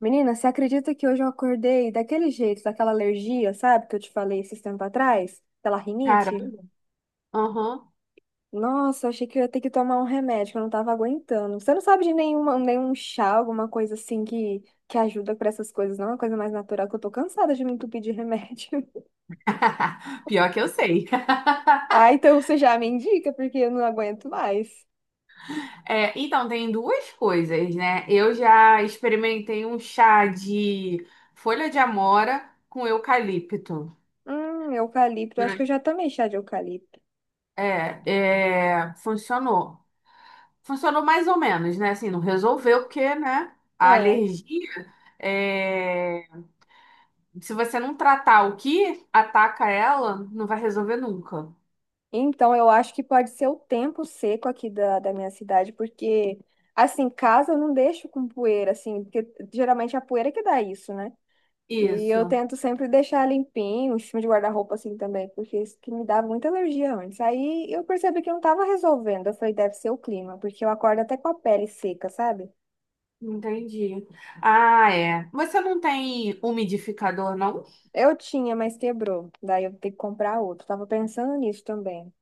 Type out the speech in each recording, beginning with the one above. Menina, você acredita que hoje eu acordei daquele jeito, daquela alergia, sabe, que eu te falei esses tempos atrás? Aquela rinite? Caramba. Aham. Nossa, eu achei que eu ia ter que tomar um remédio, que eu não tava aguentando. Você não sabe de nenhum chá, alguma coisa assim que ajuda pra essas coisas, não? É uma coisa mais natural, que eu tô cansada de me entupir de remédio. Pior que eu sei. Ah, então você já me indica, porque eu não aguento mais. É, então, tem duas coisas, né? Eu já experimentei um chá de folha de amora com eucalipto. Eucalipto, acho que eu Durante- já tomei chá de eucalipto. é, funcionou. Funcionou mais ou menos, né? Assim, não resolveu, porque, né? A É. alergia, é, se você não tratar o que ataca ela, não vai resolver nunca. Então, eu acho que pode ser o tempo seco aqui da minha cidade, porque, assim, casa eu não deixo com poeira, assim, porque geralmente é a poeira que dá isso, né? E eu Isso. tento sempre deixar limpinho, em cima de guarda-roupa, assim, também, porque isso que me dava muita alergia antes. Aí eu percebi que eu não tava resolvendo. Eu falei, deve ser o clima, porque eu acordo até com a pele seca, sabe? Entendi. Ah, é. Você não tem umidificador, não? Eu tinha, mas quebrou. Daí eu tenho que comprar outro. Tava pensando nisso também.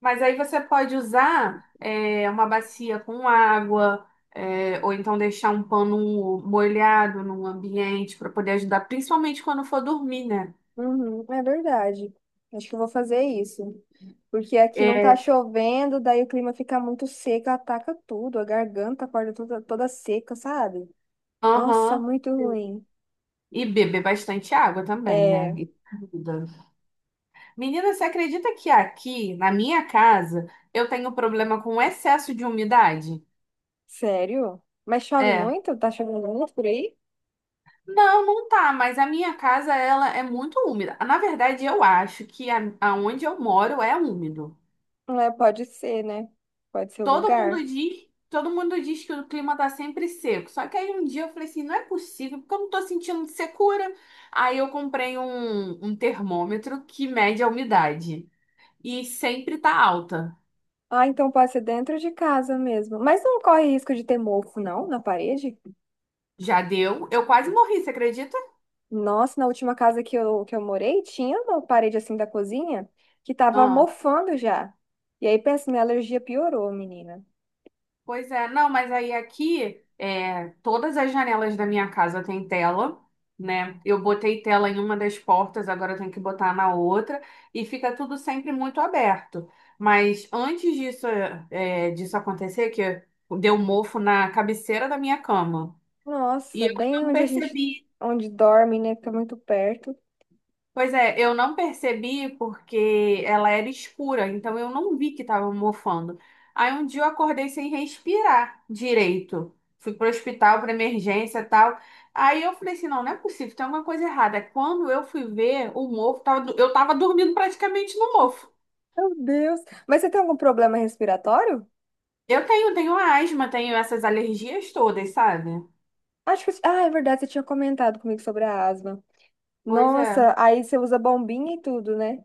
Mas aí você pode usar é, uma bacia com água, é, ou então deixar um pano molhado num ambiente para poder ajudar, principalmente quando for dormir, né? Uhum, é verdade. Acho que eu vou fazer isso. Porque aqui não tá É, chovendo, daí o clima fica muito seco, ataca tudo, a garganta acorda toda, toda seca, sabe? Nossa, aham. muito ruim. E beber bastante água também, né? É, E comida. Menina, você acredita que aqui, na minha casa, eu tenho problema com excesso de umidade? sério? Mas chove É. muito? Tá chovendo muito por aí? Não, não tá, mas a minha casa ela é muito úmida. Na verdade, eu acho que aonde eu moro é úmido. É, pode ser, né? Pode ser o Todo mundo lugar. diz, todo mundo diz que o clima tá sempre seco. Só que aí um dia eu falei assim, não é possível, porque eu não tô sentindo secura. Aí eu comprei um termômetro que mede a umidade e sempre tá alta. Ah, então pode ser dentro de casa mesmo. Mas não corre risco de ter mofo, não, na parede? Já deu? Eu quase morri, você acredita? Nossa, na última casa que eu morei, tinha uma parede assim da cozinha que tava mofando já. E aí, pensa, minha alergia piorou, menina. Pois é, não, mas aí aqui, é, todas as janelas da minha casa têm tela, né? Eu botei tela em uma das portas, agora eu tenho que botar na outra, e fica tudo sempre muito aberto. Mas antes disso, é, disso acontecer, que deu mofo na cabeceira da minha cama, e Nossa, eu bem não onde a gente, percebi. onde dorme, né? Fica muito perto. Pois é, eu não percebi porque ela era escura, então eu não vi que estava mofando. Aí um dia eu acordei sem respirar direito. Fui pro hospital para emergência e tal. Aí eu falei assim, não, não é possível, tem alguma coisa errada. Quando eu fui ver, o mofo tava, eu tava dormindo praticamente no mofo. Meu Deus. Mas você tem algum problema respiratório? Eu tenho, tenho asma, tenho essas alergias todas, sabe? Acho que, ah, é verdade, você tinha comentado comigo sobre a asma. Pois é. Nossa, aí você usa bombinha e tudo, né?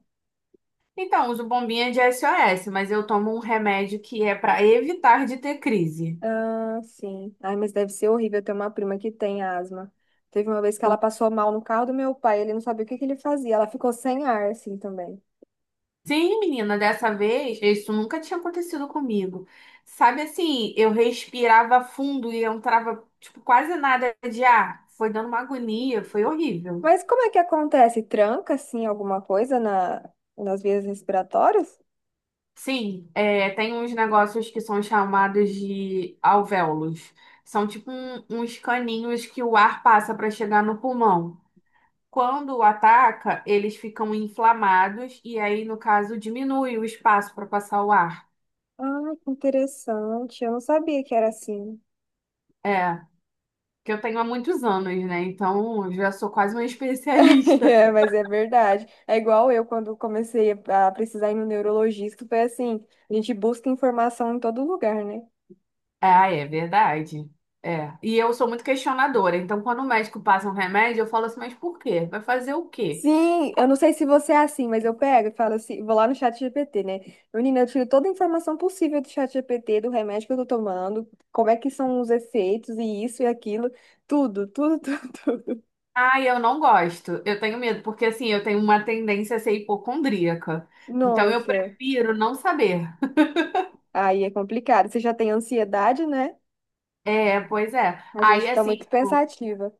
Então, uso bombinha de SOS, mas eu tomo um remédio que é para evitar de ter crise. Ah, sim. Ai, mas deve ser horrível ter uma prima que tem asma. Teve uma vez que ela passou mal no carro do meu pai, ele não sabia o que que ele fazia. Ela ficou sem ar, assim, também. Sim, menina, dessa vez, isso nunca tinha acontecido comigo. Sabe assim, eu respirava fundo e eu entrava, tipo, quase nada de ar. Foi dando uma agonia, foi horrível. Mas como é que acontece? Tranca, assim, alguma coisa nas vias respiratórias? Sim, é, tem uns negócios que são chamados de alvéolos. São tipo uns caninhos que o ar passa para chegar no pulmão. Quando ataca, eles ficam inflamados e aí, no caso, diminui o espaço para passar o ar. Ah, que interessante. Eu não sabia que era assim. É. Que eu tenho há muitos anos, né? Então, eu já sou quase uma especialista. É, mas é verdade. É igual eu, quando comecei a precisar ir no neurologista, foi assim, a gente busca informação em todo lugar, né? Ah, é verdade. É. E eu sou muito questionadora. Então, quando o médico passa um remédio, eu falo assim, mas por quê? Vai fazer o quê? Sim, Co- eu não sei se você é assim, mas eu pego e falo assim, vou lá no chat GPT, né? Menina, eu tiro toda a informação possível do chat GPT, do remédio que eu tô tomando, como é que são os efeitos e isso e aquilo, tudo, tudo, tudo, tudo. Ah, eu não gosto. Eu tenho medo, porque assim, eu tenho uma tendência a ser hipocondríaca. Então, eu Nossa, prefiro não saber. aí é complicado. Você já tem ansiedade, né? É, pois é. A gente Aí, fica assim, muito tipo, pensativa.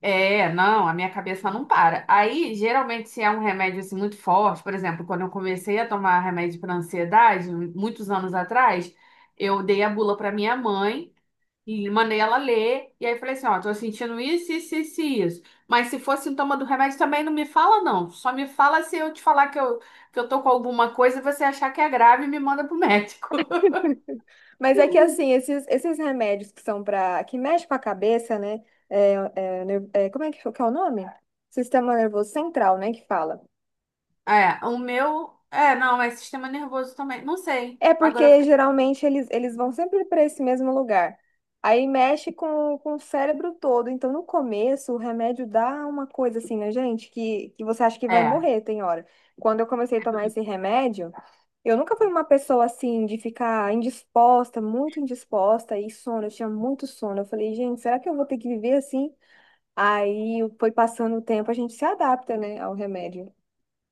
é, não, a minha cabeça não para. Aí, geralmente, se é um remédio assim, muito forte, por exemplo, quando eu comecei a tomar remédio para ansiedade, muitos anos atrás, eu dei a bula para minha mãe e mandei ela ler. E aí falei assim: ó, tô sentindo isso, isso, isso, e isso. Mas se for sintoma do remédio, também não me fala, não. Só me fala se eu te falar que eu tô com alguma coisa e você achar que é grave e me manda pro médico. Mas é que assim, esses remédios que são para que mexe com a cabeça, né? É, é, é, como é que é o nome? Sistema nervoso central, né? Que fala. É, o meu. É, não, é sistema nervoso também. Não sei. É Agora eu porque fiquei. geralmente eles vão sempre para esse mesmo lugar. Aí mexe com o cérebro todo. Então, no começo, o remédio dá uma coisa assim, né, gente? Que você acha que vai É. morrer, tem hora. Quando eu comecei a tomar esse remédio, eu nunca fui uma pessoa assim, de ficar indisposta, muito indisposta, e sono. Eu tinha muito sono. Eu falei, gente, será que eu vou ter que viver assim? Aí foi passando o tempo, a gente se adapta, né, ao remédio.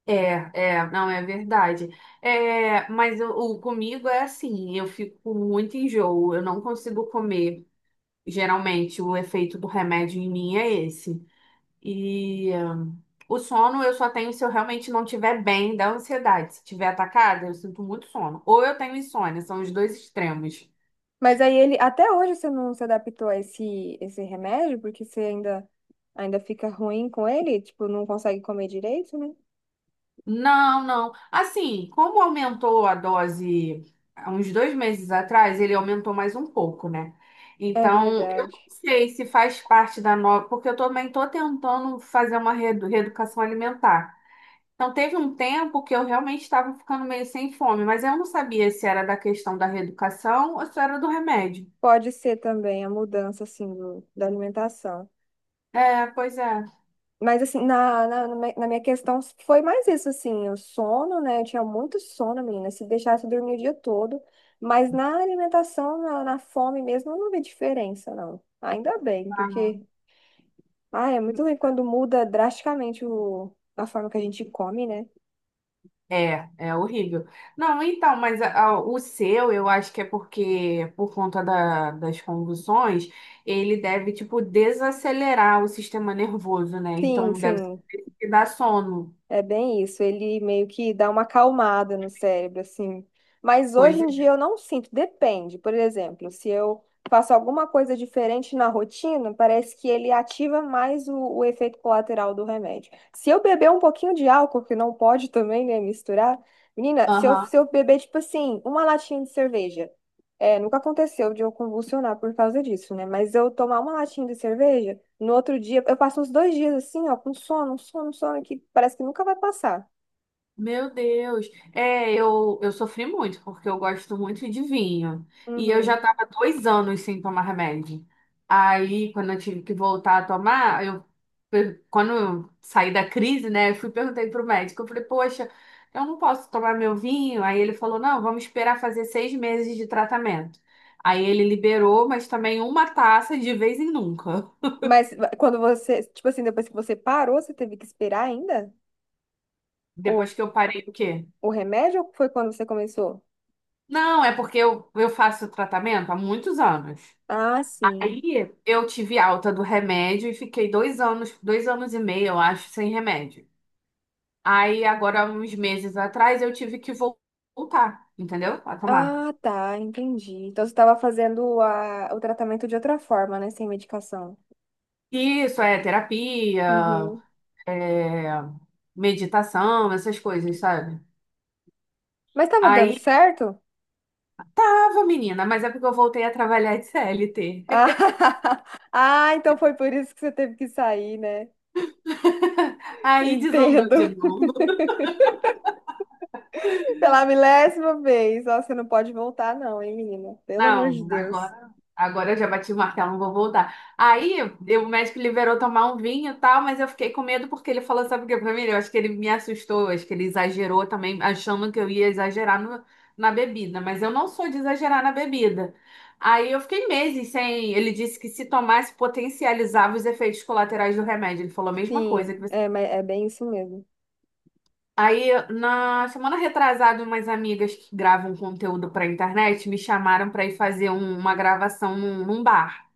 É, é, não, é verdade. É, mas o comigo é assim, eu fico com muito enjoo, eu não consigo comer. Geralmente, o efeito do remédio em mim é esse. E o sono eu só tenho se eu realmente não estiver bem da ansiedade. Se estiver atacada, eu sinto muito sono. Ou eu tenho insônia, são os dois extremos. Mas aí ele, até hoje você não se adaptou a esse remédio, porque você ainda fica ruim com ele, tipo, não consegue comer direito, né? Não, não. Assim, como aumentou a dose há uns 2 meses atrás, ele aumentou mais um pouco, né? É Então, eu verdade. não sei se faz parte da nova, porque eu também estou tentando fazer uma reeducação alimentar. Então, teve um tempo que eu realmente estava ficando meio sem fome, mas eu não sabia se era da questão da reeducação ou se era do remédio. Pode ser também a mudança, assim, do, da alimentação. É, pois é. Mas, assim, na minha questão foi mais isso, assim, o sono, né? Eu tinha muito sono, menina, se deixasse eu dormir o dia todo. Mas na alimentação, na fome mesmo, eu não vi diferença, não. Ainda bem, Ah. porque Ah, é muito ruim quando muda drasticamente o a forma que a gente come, né? É, é horrível. Não, então, mas o seu, eu acho que é porque, por conta das convulsões, ele deve, tipo, desacelerar o sistema nervoso, né? Sim, Então, deve sim. dar sono. É bem isso, ele meio que dá uma acalmada no cérebro, assim. Mas hoje Pois em dia eu não sinto, depende. Por exemplo, se eu faço alguma coisa diferente na rotina, parece que ele ativa mais o efeito colateral do remédio. Se eu beber um pouquinho de álcool, que não pode também, né, misturar, menina, se eu, é. se eu beber, tipo assim, uma latinha de cerveja, é, nunca aconteceu de eu convulsionar por causa disso, né? Mas eu tomar uma latinha de cerveja. No outro dia, eu passo uns dois dias assim, ó, com sono, um sono, um sono, que parece que nunca vai passar. Meu Deus. É, eu sofri muito, porque eu gosto muito de vinho. E eu já Uhum. estava 2 anos sem tomar remédio. Aí, quando eu tive que voltar a tomar, quando eu saí da crise, né, eu fui e perguntei pro médico. Eu falei, poxa, eu não posso tomar meu vinho. Aí ele falou, não, vamos esperar fazer 6 meses de tratamento. Aí ele liberou, mas também uma taça de vez em nunca. Mas quando você, tipo assim, depois que você parou, você teve que esperar ainda Depois o, que eu parei, o quê? o remédio ou foi quando você começou? Não, é porque eu faço tratamento há muitos anos. Ah, sim. Aí eu tive alta do remédio e fiquei 2 anos, 2 anos e meio, eu acho, sem remédio. Aí agora, uns meses atrás, eu tive que voltar, entendeu? A tomar. Ah, tá, entendi. Então você estava fazendo a, o tratamento de outra forma, né? Sem medicação. Isso é terapia, Uhum. é, meditação, essas coisas, sabe? Mas estava dando Aí certo? tava, menina, mas é porque eu voltei a trabalhar de CLT. Ah, ah, então foi por isso que você teve que sair, né? Aí desandou Entendo. de novo. Pela milésima vez. Ó, você não pode voltar, não, hein, menina? Pelo amor de Não, Deus. agora eu já bati o martelo, não vou voltar. Aí o médico liberou tomar um vinho e tal, mas eu fiquei com medo porque ele falou, sabe o que pra mim? Eu acho que ele me assustou, acho que ele exagerou também, achando que eu ia exagerar na bebida, mas eu não sou de exagerar na bebida. Aí eu fiquei meses sem. Ele disse que se tomasse potencializava os efeitos colaterais do remédio. Ele falou a mesma coisa Sim, que você. é, mas é bem isso mesmo. Aí, na semana retrasada, umas amigas que gravam conteúdo pra internet me chamaram pra ir fazer uma gravação num bar.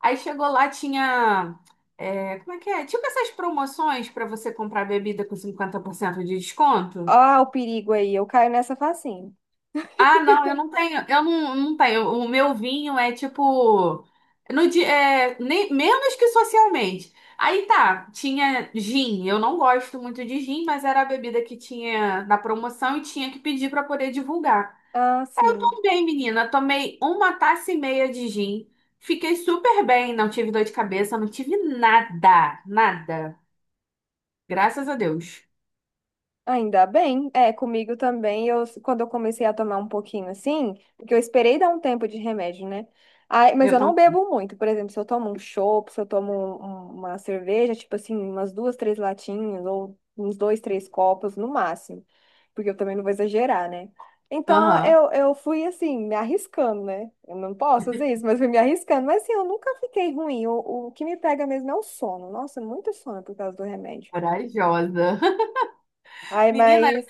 Aí chegou lá, tinha. É, como é que é? Tipo essas promoções pra você comprar bebida com 50% de desconto. Ó, o perigo aí. Eu caio nessa facinho. Ah, não, eu não tenho, eu não, não tenho. O meu vinho é tipo, no dia, é, nem, menos que socialmente. Aí tá, tinha gin. Eu não gosto muito de gin, mas era a bebida que tinha na promoção e tinha que pedir pra poder divulgar. Ah, Aí eu sim. tomei, menina, tomei uma taça e meia de gin. Fiquei super bem, não tive dor de cabeça, não tive nada, nada. Graças a Deus. Ainda bem, é, comigo também, eu, quando eu comecei a tomar um pouquinho assim, porque eu esperei dar um tempo de remédio, né? Aí, mas Eu eu não tô, bebo muito, por exemplo, se eu tomo um chopp, se eu tomo um- um, uma cerveja, tipo assim, umas duas, três latinhas, ou uns dois, três copos no máximo, porque eu também não vou exagerar, né? Então, aham, eu fui assim, me arriscando, né? Eu não posso fazer isso, mas fui me arriscando. Mas assim, eu nunca fiquei ruim. O que me pega mesmo é o sono. Nossa, muito sono por causa do remédio. corajosa. Ai, Menina, mas.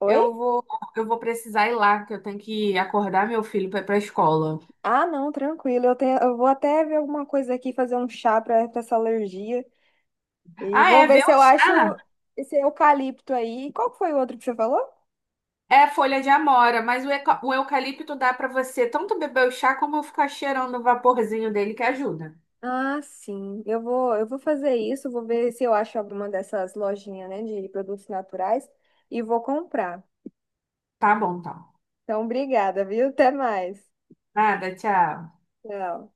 Oi? Eu vou, eu vou precisar ir lá, que eu tenho que acordar meu filho para ir para a escola. Ah, não, tranquilo. Eu tenho, eu vou até ver alguma coisa aqui, fazer um chá para essa alergia. E Ah, vou é, ver ver se o eu acho chá. esse eucalipto aí. Qual que foi o outro que você falou? É folha de amora, mas o eucalipto dá para você tanto beber o chá como ficar cheirando o vaporzinho dele que ajuda. Ah, sim. Eu vou fazer isso, vou ver se eu acho alguma dessas lojinhas, né, de produtos naturais e vou comprar. Tá bom, então. Então, obrigada, viu? Até mais. Nada, tchau. Tchau.